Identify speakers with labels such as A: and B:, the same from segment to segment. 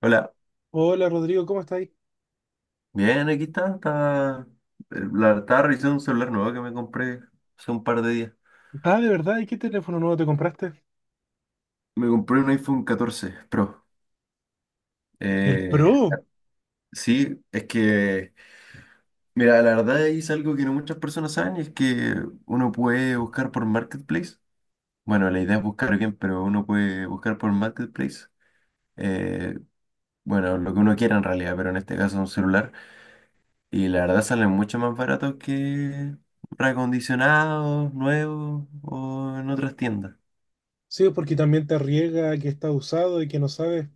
A: Hola,
B: Hola Rodrigo, ¿cómo estás?
A: bien, aquí está. Estaba revisando un celular nuevo que me compré hace un par de días.
B: Ah, de verdad, ¿y qué teléfono nuevo te compraste?
A: Me compré un iPhone 14 Pro.
B: El
A: Eh,
B: Pro.
A: sí, es que, mira, la verdad es algo que no muchas personas saben, y es que uno puede buscar por Marketplace. Bueno, la idea es buscar bien, pero uno puede buscar por Marketplace. eh, bueno, lo que uno quiera en realidad, pero en este caso un celular. Y la verdad salen mucho más baratos que reacondicionados, nuevos o en otras tiendas.
B: Sí, porque también te riega que está usado y que no sabes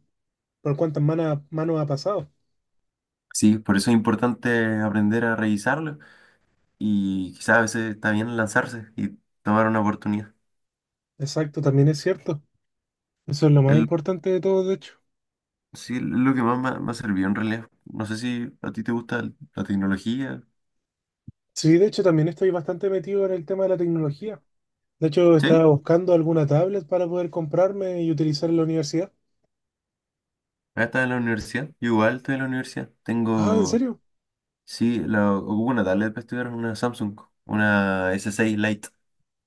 B: por cuántas manos ha pasado.
A: Sí, por eso es importante aprender a revisarlo y quizás a veces está bien lanzarse y tomar una oportunidad.
B: Exacto, también es cierto. Eso es lo más
A: El,
B: importante de todo, de hecho.
A: sí, es lo que más me ha servido en realidad. No sé si a ti te gusta la tecnología.
B: Sí, de hecho, también estoy bastante metido en el tema de la tecnología. De hecho,
A: Sí,
B: estaba buscando alguna tablet para poder comprarme y utilizar en la universidad.
A: ahora estás en la universidad. Yo igual estoy en la universidad.
B: Ah, ¿en serio?
A: Sí, ocupo una tablet para estudiar, una Samsung, una S6 Lite,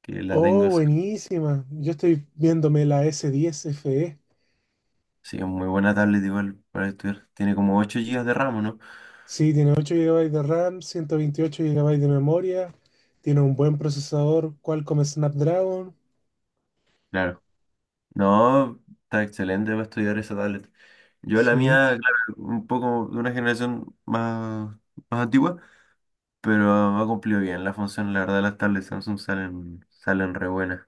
A: que la tengo.
B: Oh, buenísima. Yo estoy viéndome la S10 FE.
A: Sí, es muy buena tablet igual para estudiar. Tiene como 8 gigas de RAM, ¿o ¿no?
B: Sí, tiene 8 gigabytes de RAM, 128 gigabytes de memoria, tiene un buen procesador Qualcomm Snapdragon.
A: Claro. No, está excelente para estudiar esa tablet. Yo la
B: Sí,
A: mía, claro, un poco de una generación más, más antigua, pero ha cumplido bien la función. La verdad, las tablets Samsung salen re buenas.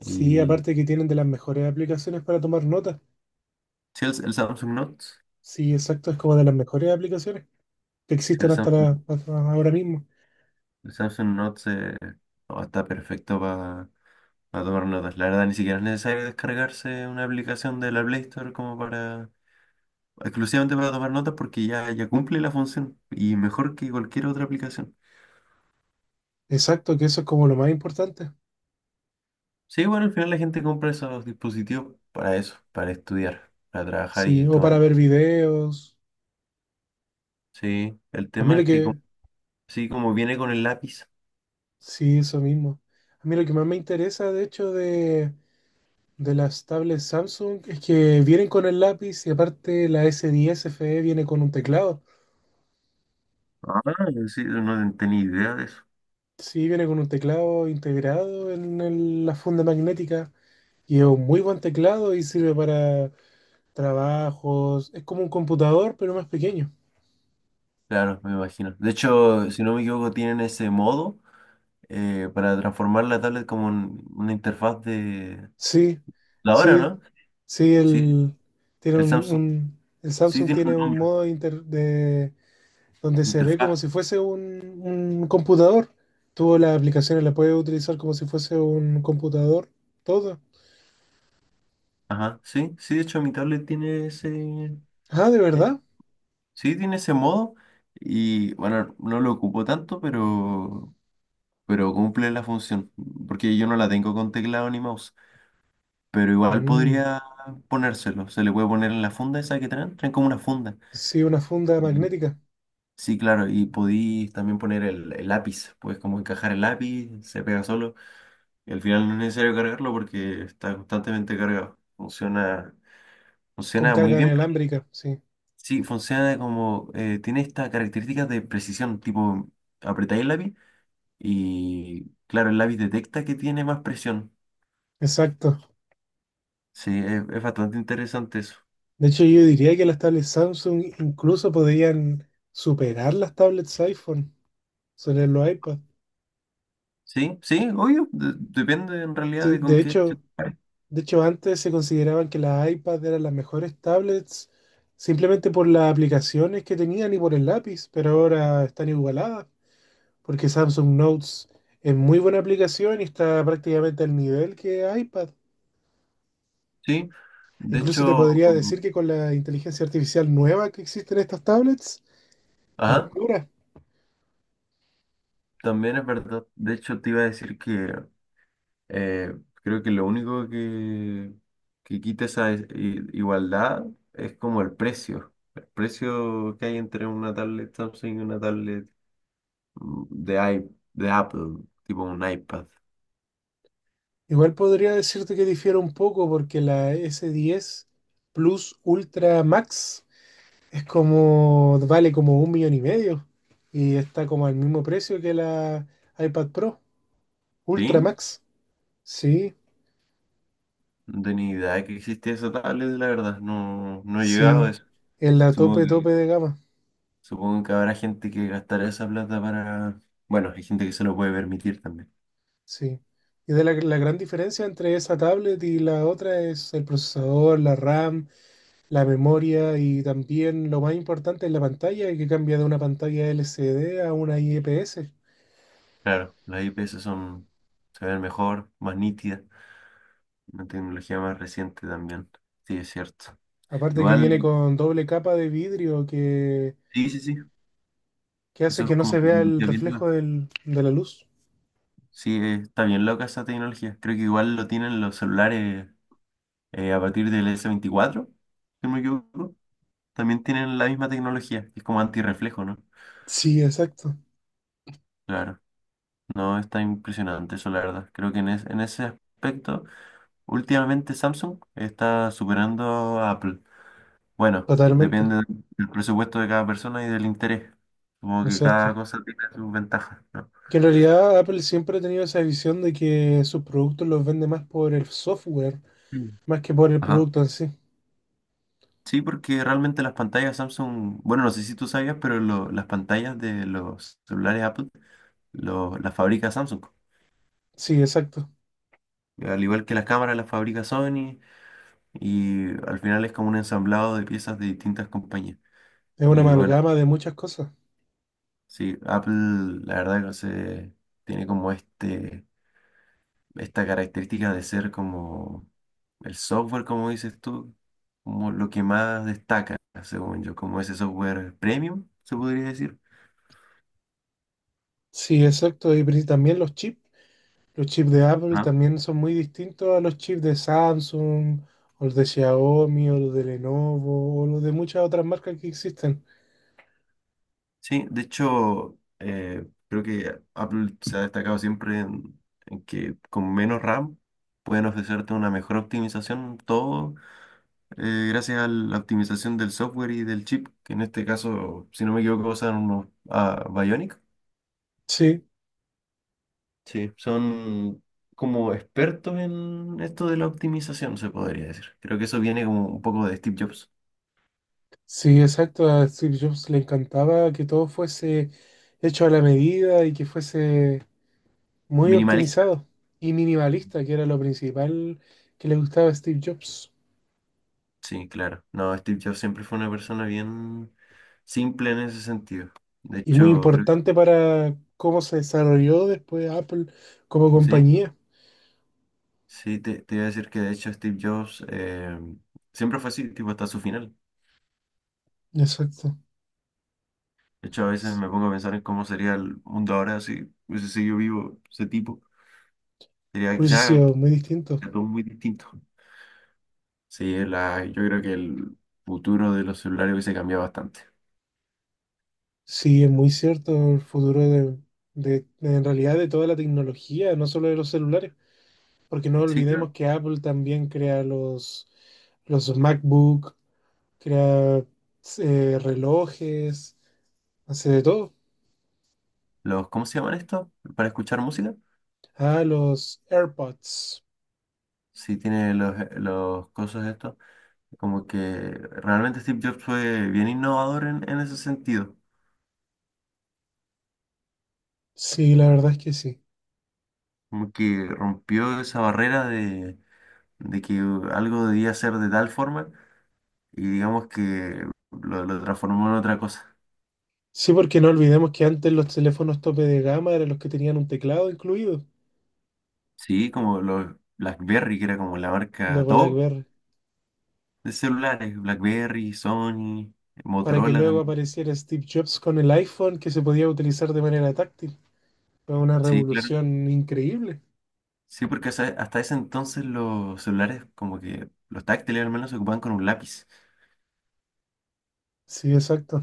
B: sí,
A: Y
B: aparte que tienen de las mejores aplicaciones para tomar notas.
A: si el Samsung Note,
B: Sí, exacto, es como de las mejores aplicaciones que
A: si el
B: existen
A: Samsung,
B: hasta ahora mismo.
A: el Samsung Note se- no, está perfecto para tomar notas. La verdad, ni siquiera es necesario descargarse una aplicación de la Play Store como para exclusivamente para tomar notas porque ya cumple la función y mejor que cualquier otra aplicación.
B: Exacto, que eso es como lo más importante.
A: Sí, bueno, al final la gente compra esos dispositivos para eso, para estudiar, para trabajar
B: Sí,
A: y
B: o
A: tomar
B: para
A: notas.
B: ver videos.
A: Sí, el
B: A mí
A: tema
B: lo
A: es que
B: que,
A: como- sí, como viene con el lápiz.
B: sí, eso mismo. A mí lo que más me interesa, de hecho, de las tablets Samsung es que vienen con el lápiz y aparte la S10 FE viene con un teclado.
A: Ah, sí, no tenía idea de eso.
B: Sí, viene con un teclado integrado en la funda magnética y es un muy buen teclado y sirve para trabajos. Es como un computador, pero más pequeño.
A: Claro, me imagino. De hecho, si no me equivoco, tienen ese modo para transformar la tablet como en una interfaz de
B: Sí,
A: la hora,
B: sí,
A: ¿no?
B: sí,
A: Sí,
B: el, tiene
A: el Samsung
B: el
A: sí
B: Samsung
A: tiene un
B: tiene un
A: nombre,
B: modo inter- de donde se ve
A: interfaz.
B: como si fuese un computador. Tú las aplicaciones las puedes utilizar como si fuese un computador, todo.
A: Ajá, sí, de hecho mi tablet tiene
B: Ah, ¿de
A: es-
B: verdad?
A: sí, tiene ese modo y bueno, no lo ocupo tanto, pero cumple la función, porque yo no la tengo con teclado ni mouse, pero igual
B: Mm,
A: podría ponérselo, se le puede poner en la funda esa que traen como una funda.
B: sí, una funda
A: Y,
B: magnética
A: sí, claro, y podí también poner el lápiz, puedes como encajar el lápiz, se pega solo, y al final no es necesario cargarlo porque está constantemente cargado,
B: con
A: funciona muy
B: carga
A: bien.
B: inalámbrica, sí,
A: Sí, funciona como, tiene estas características de precisión, tipo, apretáis el lápiz y, claro, el lápiz detecta que tiene más presión.
B: exacto.
A: Sí, es bastante interesante eso.
B: De hecho, yo diría que las tablets Samsung incluso podrían superar las tablets iPhone sobre los iPad.
A: Sí, obvio, depende en realidad
B: Sí,
A: de con
B: de
A: qué se
B: hecho,
A: compare.
B: De hecho, antes se consideraban que las iPads eran las mejores tablets simplemente por las aplicaciones que tenían y por el lápiz, pero ahora están igualadas porque Samsung Notes es muy buena aplicación y está prácticamente al nivel que iPad.
A: Sí, de
B: Incluso te
A: hecho,
B: podría decir que con la inteligencia artificial nueva que existe en estas tablets,
A: ajá,
B: mejora.
A: también es verdad. De hecho, te iba a decir que Eh, creo que lo único que quita esa igualdad es como el precio. El precio que hay entre una tablet Samsung y una tablet de Apple, tipo un iPad.
B: Igual podría decirte que difiere un poco porque la S10 Plus Ultra Max es como, vale como un millón y medio y está como al mismo precio que la iPad Pro Ultra
A: ¿Sí?
B: Max. Sí,
A: No tenía idea de que existía esa tablet, la verdad. No, no he llegado
B: sí,
A: a eso.
B: en la
A: Supongo
B: tope,
A: que,
B: tope de gama.
A: supongo que habrá gente que gastará esa plata para... Bueno, hay gente que se lo puede permitir también.
B: Sí. Y de la gran diferencia entre esa tablet y la otra es el procesador, la RAM, la memoria y también lo más importante es la pantalla que cambia de una pantalla LCD a una IPS.
A: Claro, las IPS son, se ven mejor, más nítidas. Una tecnología más reciente también. Sí, es cierto.
B: Aparte que viene
A: Igual,
B: con doble capa de vidrio
A: sí.
B: que hace
A: Eso es
B: que no
A: como
B: se vea el
A: tecnología bien nueva.
B: reflejo de la luz.
A: Sí, está bien loca esa tecnología. Creo que igual lo tienen los celulares a partir del s veinticuatro si no me equivoco. También tienen la misma tecnología. Es como antirreflejo, ¿no?
B: Sí, exacto,
A: Claro. No, está impresionante eso, la verdad. Creo que en ese aspecto, últimamente Samsung está superando a Apple. Bueno,
B: totalmente,
A: depende del presupuesto de cada persona y del interés. Como que cada
B: exacto.
A: cosa tiene sus ventajas, ¿no?
B: Que en realidad Apple siempre ha tenido esa visión de que sus productos los vende más por el software,
A: Mm.
B: más que por el
A: Ajá.
B: producto en sí.
A: Sí, porque realmente las pantallas Samsung, bueno, no sé si tú sabías, pero las pantallas de los celulares Apple las fabrica Samsung.
B: Sí, exacto.
A: Al igual que las cámaras las fabrica Sony y al final es como un ensamblado de piezas de distintas compañías.
B: Es una
A: Y bueno,
B: amalgama de muchas cosas.
A: sí, Apple la verdad que no sé, tiene como este... esta característica de ser como el software, como dices tú, como lo que más destaca, según yo, como ese software premium, se podría decir.
B: Sí, exacto. Y también los chips. Los chips de Apple
A: Ajá.
B: también son muy distintos a los chips de Samsung, o los de Xiaomi, o los de Lenovo, o los de muchas otras marcas que existen.
A: Sí, de hecho, creo que Apple se ha destacado siempre en que con menos RAM pueden ofrecerte una mejor optimización, todo gracias a la optimización del software y del chip, que en este caso, si no me equivoco, usan unos Bionic.
B: Sí,
A: Sí, son como expertos en esto de la optimización, se podría decir. Creo que eso viene como un poco de Steve Jobs.
B: sí, exacto. A Steve Jobs le encantaba que todo fuese hecho a la medida y que fuese muy
A: Minimalista.
B: optimizado y minimalista, que era lo principal que le gustaba a Steve Jobs.
A: Sí, claro. No, Steve Jobs siempre fue una persona bien simple en ese sentido. De
B: Y muy
A: hecho, creo que
B: importante para cómo se desarrolló después Apple como
A: sí.
B: compañía.
A: Sí, te iba a decir que de hecho Steve Jobs siempre fue así, tipo hasta su final.
B: Exacto.
A: De hecho, a veces
B: S-
A: me pongo a pensar en cómo sería el mundo ahora si hubiese seguido vivo ese tipo. Sería
B: hubiese
A: quizás
B: sido muy distinto.
A: todo muy distinto. Sí, yo creo que el futuro de los celulares hubiese cambiado bastante.
B: Sí, es muy cierto el futuro de en realidad de toda la tecnología, no solo de los celulares. Porque no
A: Sí, claro.
B: olvidemos que Apple también crea los MacBook, crea relojes, hace de todo.
A: Los, ¿cómo se llaman estos? ¿Para escuchar música?
B: Ah, los AirPods.
A: Sí, tiene los cosas estos. Como que realmente Steve Jobs fue bien innovador en ese sentido.
B: Sí, la verdad es que sí.
A: Como que rompió esa barrera de que algo debía ser de tal forma y digamos que lo transformó en otra cosa.
B: Sí, porque no olvidemos que antes los teléfonos tope de gama eran los que tenían un teclado incluido,
A: Sí, como los BlackBerry, que era como la marca
B: los
A: top.
B: BlackBerry,
A: De celulares, BlackBerry, Sony,
B: para que
A: Motorola
B: luego
A: también.
B: apareciera Steve Jobs con el iPhone que se podía utilizar de manera táctil. Fue una
A: Sí, claro.
B: revolución increíble.
A: Sí, porque hasta ese entonces los celulares, como que los táctiles al menos, se ocupaban con un lápiz.
B: Sí, exacto.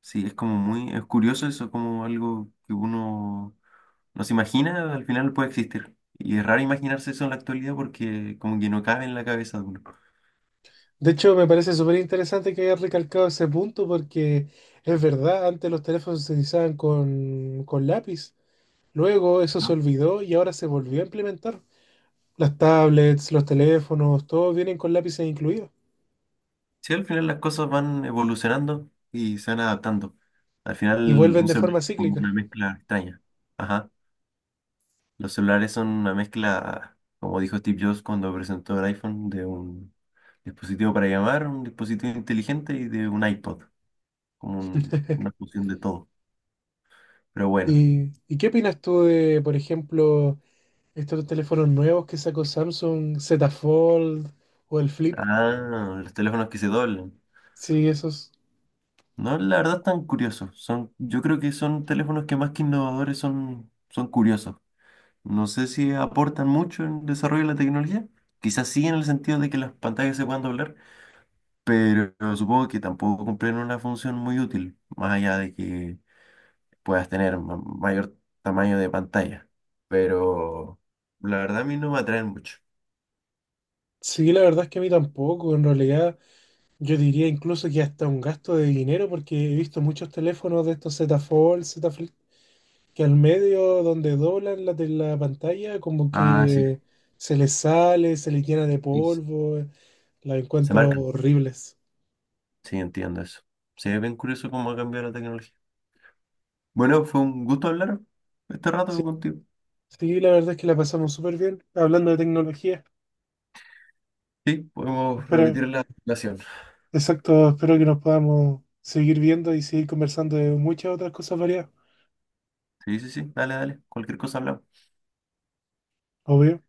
A: Sí, es como muy, es curioso eso, como algo que uno no se imagina, al final puede existir. Y es raro imaginarse eso en la actualidad porque como que no cabe en la cabeza de uno.
B: De hecho, me parece súper interesante que hayas recalcado ese punto porque es verdad, antes los teléfonos se utilizaban con lápiz, luego eso se
A: ¿No?
B: olvidó y ahora se volvió a implementar. Las tablets, los teléfonos, todos vienen con lápices incluidos
A: Sí, al final las cosas van evolucionando y se van adaptando. Al
B: y
A: final
B: vuelven
A: un
B: de
A: celular
B: forma
A: es como
B: cíclica.
A: una mezcla extraña. Ajá. Los celulares son una mezcla, como dijo Steve Jobs cuando presentó el iPhone, de un dispositivo para llamar, un dispositivo inteligente y de un iPod, como una fusión de todo. Pero bueno,
B: ¿Y qué opinas tú de, por ejemplo, estos teléfonos nuevos que sacó Samsung, Z Fold o el Flip?
A: ah, los teléfonos que se doblan.
B: Sí, esos.
A: No, la verdad tan curiosos. Son, yo creo que son teléfonos que más que innovadores son curiosos. No sé si aportan mucho en el desarrollo de la tecnología. Quizás sí en el sentido de que las pantallas se puedan doblar, pero supongo que tampoco cumplen una función muy útil, más allá de que puedas tener mayor tamaño de pantalla. Pero la verdad a mí no me atraen mucho.
B: Sí, la verdad es que a mí tampoco, en realidad. Yo diría incluso que hasta un gasto de dinero, porque he visto muchos teléfonos de estos Z Fold, Z Flip, que al medio donde doblan de la pantalla, como
A: Ah, sí.
B: que se les sale, se les llena de
A: Sí.
B: polvo, la
A: Se
B: encuentro
A: marcan.
B: horribles.
A: Sí, entiendo eso. Sí, es bien curioso cómo ha cambiado la tecnología. Bueno, fue un gusto hablar este
B: Sí,
A: rato contigo.
B: sí, la verdad es que la pasamos súper bien hablando de tecnología.
A: Sí, podemos
B: Espero,
A: repetir la relación.
B: exacto, espero que nos podamos seguir viendo y seguir conversando de muchas otras cosas variadas,
A: Sí, dale. Cualquier cosa hablamos.
B: obvio.